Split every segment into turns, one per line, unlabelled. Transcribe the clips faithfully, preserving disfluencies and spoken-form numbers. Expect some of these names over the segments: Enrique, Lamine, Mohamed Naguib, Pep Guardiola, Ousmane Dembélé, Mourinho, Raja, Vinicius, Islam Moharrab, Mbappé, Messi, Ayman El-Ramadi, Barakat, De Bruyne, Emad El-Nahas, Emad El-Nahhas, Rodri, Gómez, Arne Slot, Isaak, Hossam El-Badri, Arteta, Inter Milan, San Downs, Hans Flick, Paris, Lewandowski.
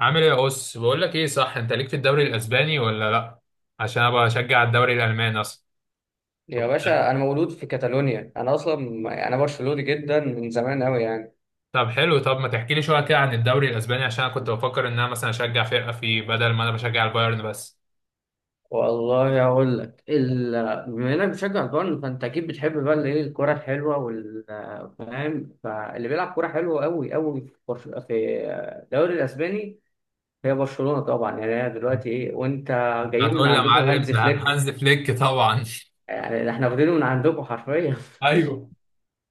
عامل ايه يا اس، بقول لك ايه، صح انت ليك في الدوري الاسباني ولا لا؟ عشان انا بشجع الدوري الالماني اصلا.
يا
طب.
باشا، انا مولود في كاتالونيا، انا اصلا انا برشلوني جدا من زمان قوي يعني.
طب حلو. طب ما تحكي لي شويه كده عن الدوري الاسباني، عشان انا كنت بفكر ان انا مثلا اشجع فرقه فيه بدل ما انا بشجع البايرن بس.
والله اقول لك ال... بما انك بتشجع البايرن فانت اكيد بتحب بقى الايه، الكوره الحلوه، وال فاهم، فاللي بيلعب كوره حلوه قوي قوي في برش... في الدوري الاسباني، هي برشلونه طبعا. يعني هي دلوقتي ايه، وانت جايين من
هتقول لي يا
عندكم
معلم،
هانز
ده
فليك،
هانز فليك طبعا.
يعني احنا واخدينه من عندكم حرفيا
ايوه.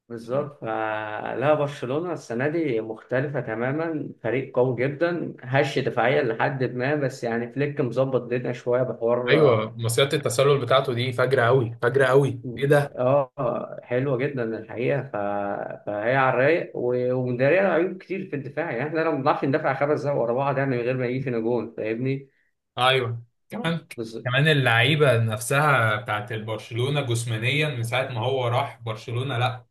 بالظبط، فلا برشلونة السنة دي مختلفة تماما، فريق قوي جدا هش دفاعيا لحد ما، بس يعني فليك مظبط الدنيا شوية بحوار.
ايوه، مصيدة التسلل بتاعته دي فجرة قوي، فجرة قوي، ايه ده؟
اه، آه، حلوة جدا الحقيقة. ف... فهي على الرايق، و- ومدارية عيوب كتير في الدفاع. يعني احنا لو ما بنعرفش ندافع خمس دقايق ورا بعض، يعني من غير ما يجي فينا جون، فاهمني.
ايوه. كمان، كمان اللعيبه نفسها بتاعت البرشلونه جسمانيا من ساعه ما هو راح برشلونه، لا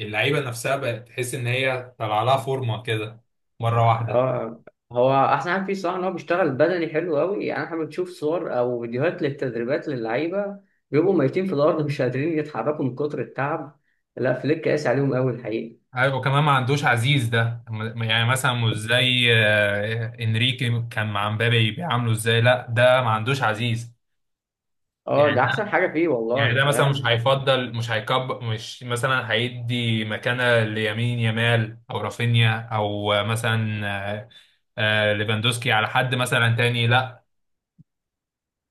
اللعيبه نفسها بقت تحس ان هي طلع لها فورمه كده مره واحده.
اه، هو احسن حاجه فيه الصراحه ان هو بيشتغل بدني حلو قوي. يعني احنا بنشوف صور او فيديوهات للتدريبات للعيبه، بيبقوا ميتين في الارض مش قادرين يتحركوا من كتر التعب. لا، فليك قاسي عليهم قوي الحقيقه.
ايوه، وكمان ما عندوش عزيز، ده م- يعني مثلا مش زي آه، انريكي كان مع مبابي بيعامله ازاي، لا ده ما عندوش عزيز.
اه،
يعني
ده احسن
ده
حاجه فيه
يعني
والله،
ده مثلا مش
فاهم.
هيفضل، مش هيكب، مش مثلا هيدي مكانة ليمين يامال او رافينيا او مثلا آه، آه ليفاندوسكي على حد مثلا تاني، لا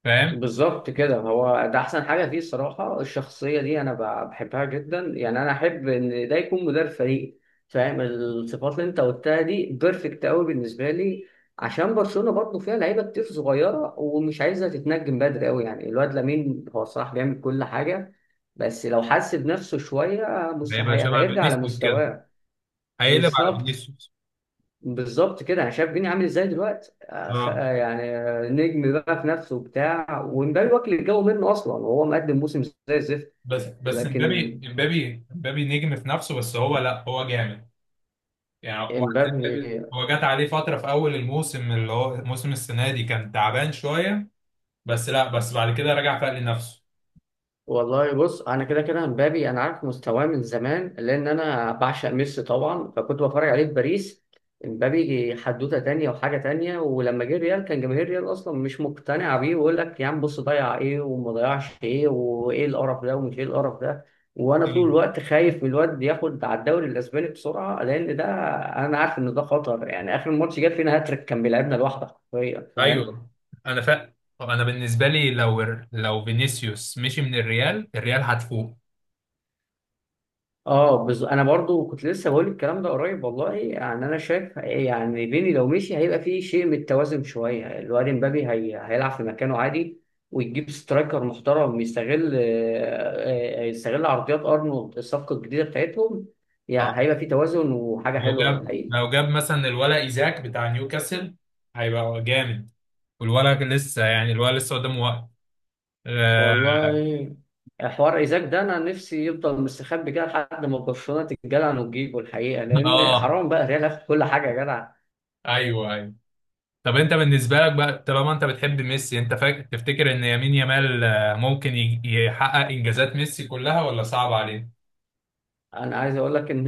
فاهم.
بالظبط كده، هو ده احسن حاجه فيه الصراحه. الشخصيه دي انا ب- بحبها جدا. يعني انا احب ان ده يكون مدير فريق، فاهم. الصفات اللي انت قلتها دي بيرفكت قوي بالنسبه لي. عشان برشلونه برضه فيها لعيبه كتير صغيره ومش عايزه تتنجم بدري قوي. يعني الواد لامين هو الصراحه بيعمل كل حاجه، بس لو حس بنفسه شويه مس-
هيبقى
هي-
شبه
هيرجع
فينيسيوس كده،
لمستواه.
هيقلب على
بالظبط.
فينيسيوس.
بالظبط كده، انا شايف فيني عامل ازاي دلوقتي، أخ...
اه،
يعني آه، نجم بقى في نفسه وبتاع، ومبابي واكل الجو منه اصلا وهو مقدم موسم زي الزفت.
بس بس
لكن
امبابي امبابي امبابي نجم في نفسه، بس هو لا هو جامد. يعني واحد زي امبابي
امبابي.
هو جات عليه فترة في أول الموسم اللي هو موسم السنة دي كان تعبان شوية، بس لا، بس بعد كده رجع فاق لنفسه.
والله بص، انا كده كده امبابي انا عارف مستواه من زمان لان انا بعشق ميسي طبعا، فكنت بتفرج عليه في باريس. امبابي حدوته تانية وحاجه تانية، ولما جه ريال كان جماهير ريال اصلا مش مقتنعه بيه، ويقول لك يا عم بص ضيع ايه وما ضيعش ايه وايه القرف ده ومش ايه القرف ده. وانا طول
مم.
الوقت خايف من الواد ياخد على الدوري الاسباني بسرعه لان ده، انا عارف ان ده خطر. يعني اخر ماتش جاب فينا هاتريك، كان بيلعبنا لوحده حرفيا، فاهم.
ايوه، انا فاق. انا بالنسبة لي، لو لو فينيسيوس مشي من الريال، الريال هتفوق.
اه بز... انا برضو كنت لسه بقول الكلام ده قريب والله. يعني انا شايف يعني بيني لو مشي هيبقى فيه شيء من التوازن شويه، الواد امبابي هي... هيلعب في مكانه عادي، ويجيب سترايكر محترم يستغل آه، آه، يستغل عرضيات ارنولد الصفقه الجديده بتاعتهم. يعني
اه،
هيبقى فيه توازن وحاجه
لو
حلوه
جاب
الحقيقه.
لو جاب مثلا الولا ايزاك بتاع نيوكاسل، هيبقى جامد، والولا لسه، يعني الولا لسه قدامه وقت. اه.
والله حوار ايزاك ده انا نفسي يفضل مستخبي كده لحد ما برشلونه تتجلع وتجيبه الحقيقه، لان
آه،
حرام بقى ريال ياخد كل حاجه يا جدع.
ايوه، ايوه. طب انت بالنسبه لك بقى، طالما انت بتحب ميسي، انت فاكر تفتكر ان يمين يامال آه، ممكن يج- يحقق انجازات ميسي كلها ولا صعب عليه؟
انا عايز اقول لك ان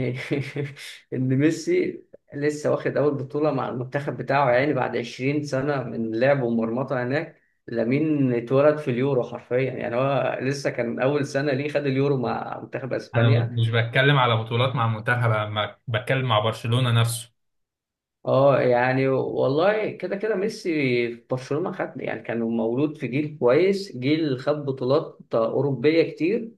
ان ميسي لسه واخد اول بطوله مع المنتخب بتاعه يعني بعد عشرين سنه من لعب ومرمطه هناك. لامين اتولد في اليورو حرفيا، يعني هو لسه كان اول سنه ليه خد اليورو مع منتخب
انا
اسبانيا.
مش بتكلم على بطولات مع المنتخب، انا بتكلم مع برشلونه نفسه.
اه يعني والله كده كده ميسي في برشلونه خد، يعني كان مولود في جيل كويس، جيل خد بطولات اوروبيه كتير.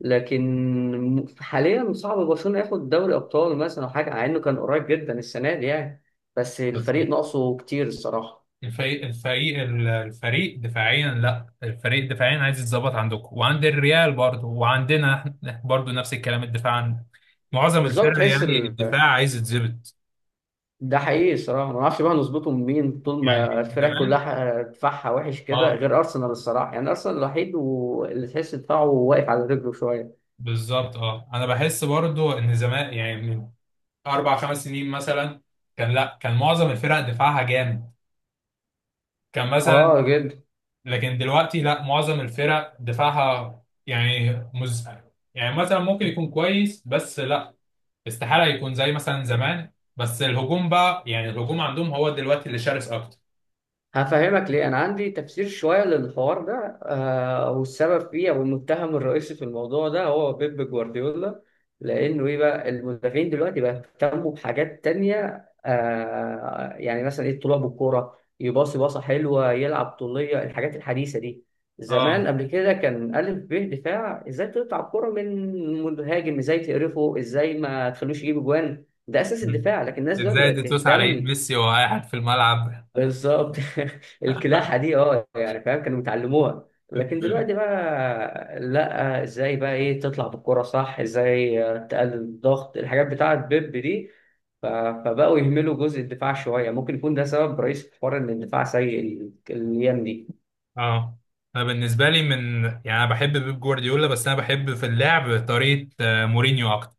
لكن حاليا صعب برشلونة ياخد دوري ابطال مثلا او حاجه، مع انه كان قريب جدا السنه دي يعني، بس
بس
الفريق ناقصه كتير الصراحه.
الفريق الفريق الفريق دفاعيا، لا الفريق دفاعيا عايز يتظبط عندكم وعند الريال برضه وعندنا احنا برضه نفس الكلام، الدفاع عندنا معظم
بالظبط.
الفرق
تحس
يعني
ال...
الدفاع عايز يتظبط.
ده حقيقي الصراحه. ما نعرفش بقى نظبطه من مين طول ما
يعني
الفرق
زمان.
كلها دفاعها وحش كده،
اه،
غير ارسنال الصراحه. يعني ارسنال الوحيد واللي تحس دفاعه واقف على رجله شويه.
بالظبط، اه، انا بحس برضه ان زمان يعني من اربع خمس سنين مثلا كان، لا كان معظم الفرق دفاعها جامد، كان مثلا.
اه جدا.
لكن دلوقتي لا معظم الفرق دفاعها، يعني مز يعني مثلا ممكن يكون كويس، بس لا استحالة يكون زي مثلا زمان. بس الهجوم بقى، يعني الهجوم عندهم هو دلوقتي اللي شرس اكتر.
هفهمك ليه، أنا عندي تفسير شوية للحوار ده. آه، والسبب فيه أو المتهم الرئيسي في الموضوع ده هو بيب جوارديولا. لأنه إيه بقى، المدافعين دلوقتي بقى اهتموا بحاجات تانية. آه يعني مثلا إيه، الطلوع بالكورة، يباصي باصة حلوة، يلعب طولية، الحاجات الحديثة دي. زمان
اه،
قبل كده كان ألف ب دفاع، إزاي تقطع الكورة من مهاجم، إزاي تقرفه، إزاي ما تخلوش يجيب جوان، ده أساس
مم.
الدفاع. لكن الناس دلوقتي
ازاي دي
بقت
توسع على ايد
تهتم
ميسي وهو قاعد في الملعب.
بالظبط. الكلاحة دي، اه يعني فاهم، كانوا بيتعلموها. لكن دلوقتي بقى لا، ازاي بقى ايه تطلع بالكرة صح، ازاي آه، تقلل الضغط، الحاجات بتاعة بيب دي. ف- فبقوا يهملوا جزء الدفاع شوية. ممكن يكون ده سبب رئيسي في حوار ان الدفاع سيء ال- الايام دي.
اه، انا بالنسبه لي من، يعني انا بحب بيب جوارديولا، بس انا بحب في اللعب طريقه آه، مورينيو اكتر.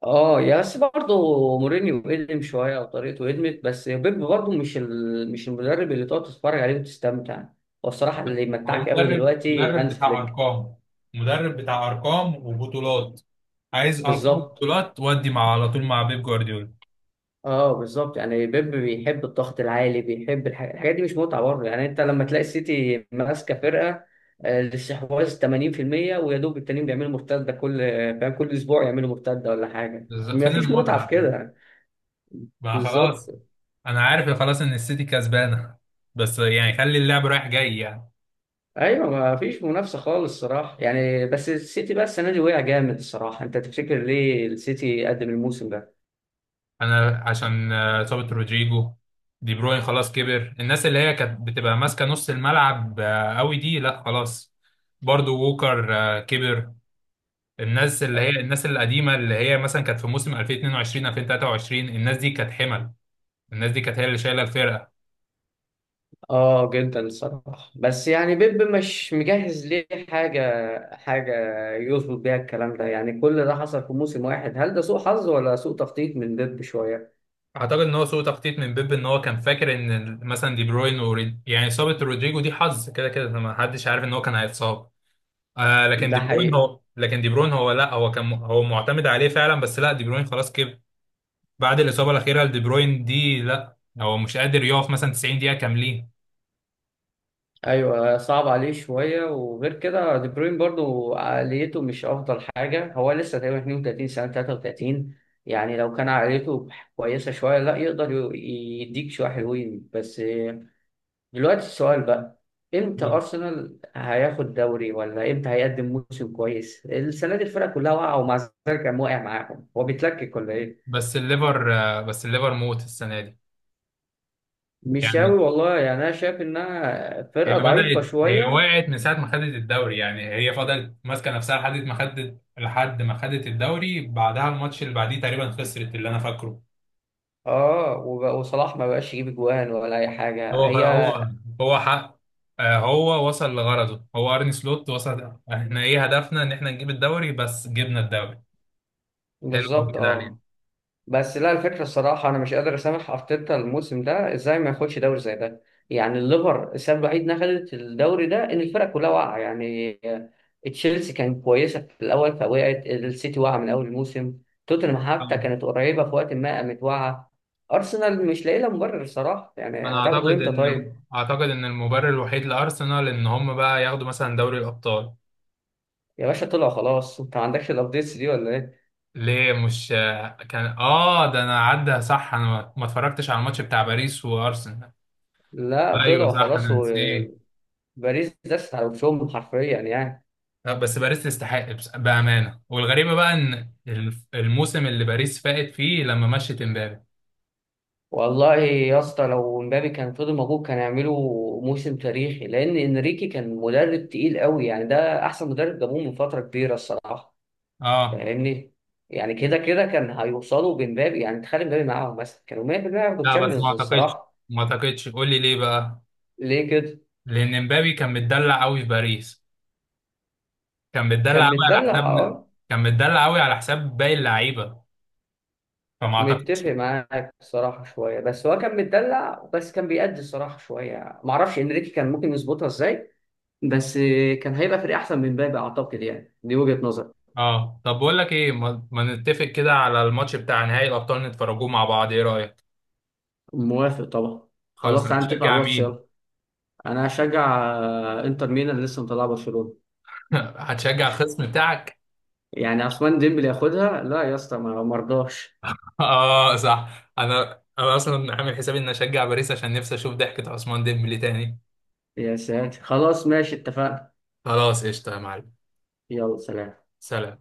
اه يا، بس برضه مورينيو قدم شوية او طريقته قدمت، بس بيب برضه مش ال... مش المدرب اللي تقعد تتفرج عليه وتستمتع. والصراحة اللي
هو
يمتعك قوي
مدرب
دلوقتي
مدرب
هانز
بتاع
فليك.
ارقام، مدرب بتاع ارقام وبطولات، عايز ارقام
بالظبط.
وبطولات، ودي مع على طول مع بيب جوارديولا.
اه بالظبط، يعني بيب بيحب الضغط العالي، بيحب الح- الحاجات دي. مش متعه برضه يعني. انت لما تلاقي السيتي ماسكه فرقه آه، الاستحواذ ثمانين في المية، ويا دوب التانيين بيعملوا مرتده كل، فاهم، كل اسبوع يعملوا مرتده ولا حاجه،
بالظبط.
ما
فين
فيش متعه في
المتعه؟
كده.
ما خلاص،
بالظبط.
انا عارف خلاص ان السيتي كسبانه، بس يعني خلي اللعب رايح جاي يعني.
ايوه ما فيش منافسه خالص الصراحه يعني. بس السيتي بقى السنه دي وقع جامد الصراحه. انت تفتكر ليه السيتي قدم الموسم ده؟
انا عشان آه، اصابه رودريجو، دي بروين خلاص كبر، الناس اللي هي كانت بتبقى ماسكه نص الملعب آه، قوي دي، لا خلاص. برضو ووكر آه، كبر. الناس اللي هي الناس القديمه اللي هي مثلا كانت في موسم ألفين واتنين وعشرين ألفين وتلاته وعشرين، الناس دي كانت حمل، الناس دي كانت هي اللي شايله الفرقه.
اه جدا الصراحة، بس يعني بيب مش مجهز ليه حاجة، حاجة يظبط بيها الكلام ده. يعني كل ده حصل في موسم واحد، هل ده سوء حظ ولا سوء تخطيط من بيب شوية؟
اعتقد ان هو سوء تخطيط من بيب، ان هو كان فاكر ان ال- مثلا دي بروين وريد... يعني اصابه رودريجو دي حظ، كده كده ما حدش عارف ان هو كان هيتصاب. آه لكن
ده
دي بروين
حقيقي.
هو، لكن دي بروين هو لا هو كان هو معتمد عليه فعلا، بس لا دي بروين خلاص كبر. بعد الاصابه الاخيره لدي بروين دي، لا هو مش قادر يقف مثلا 90 دقيقه كاملين.
ايوه صعب عليه شوية، وغير كده دي بروين برضو عقليته مش افضل حاجة، هو لسه تقريبا اتنين وتلاتين سنة تلاتة وتلاتين. يعني لو كان عقليته كويسة شوية لا يقدر ي- يديك شوية حلوين. بس دلوقتي السؤال بقى، امتى ارسنال هياخد دوري، ولا امتى هيقدم موسم كويس؟ السنه دي الفرقه كلها واقعه ومع ذلك كان واقع معاهم، هو بيتلكك ولا ايه؟
بس الليفر آه بس الليفر موت السنه دي.
مش
يعني
قوي والله يعني، انا شايف انها
هي
فرقه ضعيفه
بدأت، هي
شويه.
وقعت من ساعة ما خدت الدوري يعني، هي فضلت ماسكة نفسها لحد ما خدت، لحد ما خدت الدوري، بعدها الماتش اللي بعديه تقريبا خسرت اللي أنا فاكره.
اه وب- وصلاح ما بقاش يجيب جوان ولا اي
هو
حاجه هي.
هو هو حق. آه، هو وصل لغرضه، هو أرني سلوت، وصل احنا ايه هدفنا، ان احنا نجيب الدوري بس، جبنا الدوري، حلو قوي
بالظبط
كده علينا.
اه. بس لا الفكرة الصراحة أنا مش قادر أسامح أرتيتا الموسم ده، إزاي ما ياخدش دوري زي ده. يعني الليفر السبب الوحيد إنها خدت الدوري ده إن الفرق كلها واقعة. يعني تشيلسي كانت كويسة في الأول فوقعت، السيتي واقعة من أول الموسم، توتنهام حتى
أنا
كانت قريبة في وقت ما قامت واقعة. أرسنال مش لاقي لها مبرر الصراحة، يعني
أنا
هتاخده
أعتقد
إمتى
إن
طيب؟
أعتقد إن المبرر الوحيد لأرسنال إن هم بقى ياخدوا مثلا دوري الأبطال.
يا باشا طلعوا خلاص، أنت ما عندكش الأبديتس دي ولا إيه؟
ليه؟ مش كان، اه، ده انا عدى، صح، انا ما ما اتفرجتش على الماتش بتاع باريس وارسنال.
لا
ايوه
طلعوا
صح،
خلاص،
انا نسيت.
وباريس دست على وشهم حرفيا يعني.
لا، بس باريس تستحق، بس- بامانه، والغريبه بقى ان الف- الموسم اللي باريس فاقت فيه لما مشت امبابي.
والله يا اسطى، لو مبابي كان فضل موجود كان هيعملوا موسم تاريخي، لان انريكي كان مدرب تقيل قوي يعني، ده احسن مدرب جابوه من فتره كبيره الصراحه.
اه،
فاهمني. يعني كده كده كان هيوصلوا بمبابي، يعني تخلي مبابي معاهم مثلا كانوا ميه بالميه هياخدوا
لا بس ما
الشامبيونز
اعتقدش
الصراحه.
ما اعتقدش، قول لي ليه بقى.
ليه كده؟
لان امبابي كان متدلع قوي في باريس، كان متدلع
كان
قوي على
متدلع
حساب
اه.
كان متدلع قوي على حساب باقي اللعيبه، فما اعتقدش.
متفق معاك الصراحه شويه، بس هو كان متدلع بس كان بيأدي الصراحه شويه، معرفش انريكي كان ممكن يظبطها ازاي. بس كان هيبقى فريق احسن من مبابي اعتقد، يعني دي وجهه نظري.
اه، طب بقول لك ايه، ما, ما نتفق كده على الماتش بتاع نهائي الابطال، نتفرجوه مع بعض، ايه رايك؟
موافق طبعا.
خالص،
خلاص تعالى نتفق على
هتشجع
الواتس
مين؟
يلا. انا هشجع آه، انتر ميلان اللي لسه مطلعه برشلونه.
هتشجع الخصم بتاعك.
يعني عثمان ديمبلي ياخدها، لا يا اسطى ما مرضاش.
اه صح، انا انا اصلا عامل حسابي اني اشجع باريس، عشان نفسي اشوف ضحكة عثمان ديمبلي تاني.
يا ساتر خلاص، ماشي اتفقنا.
خلاص قشطه يا معلم.
يلا سلام.
سلام.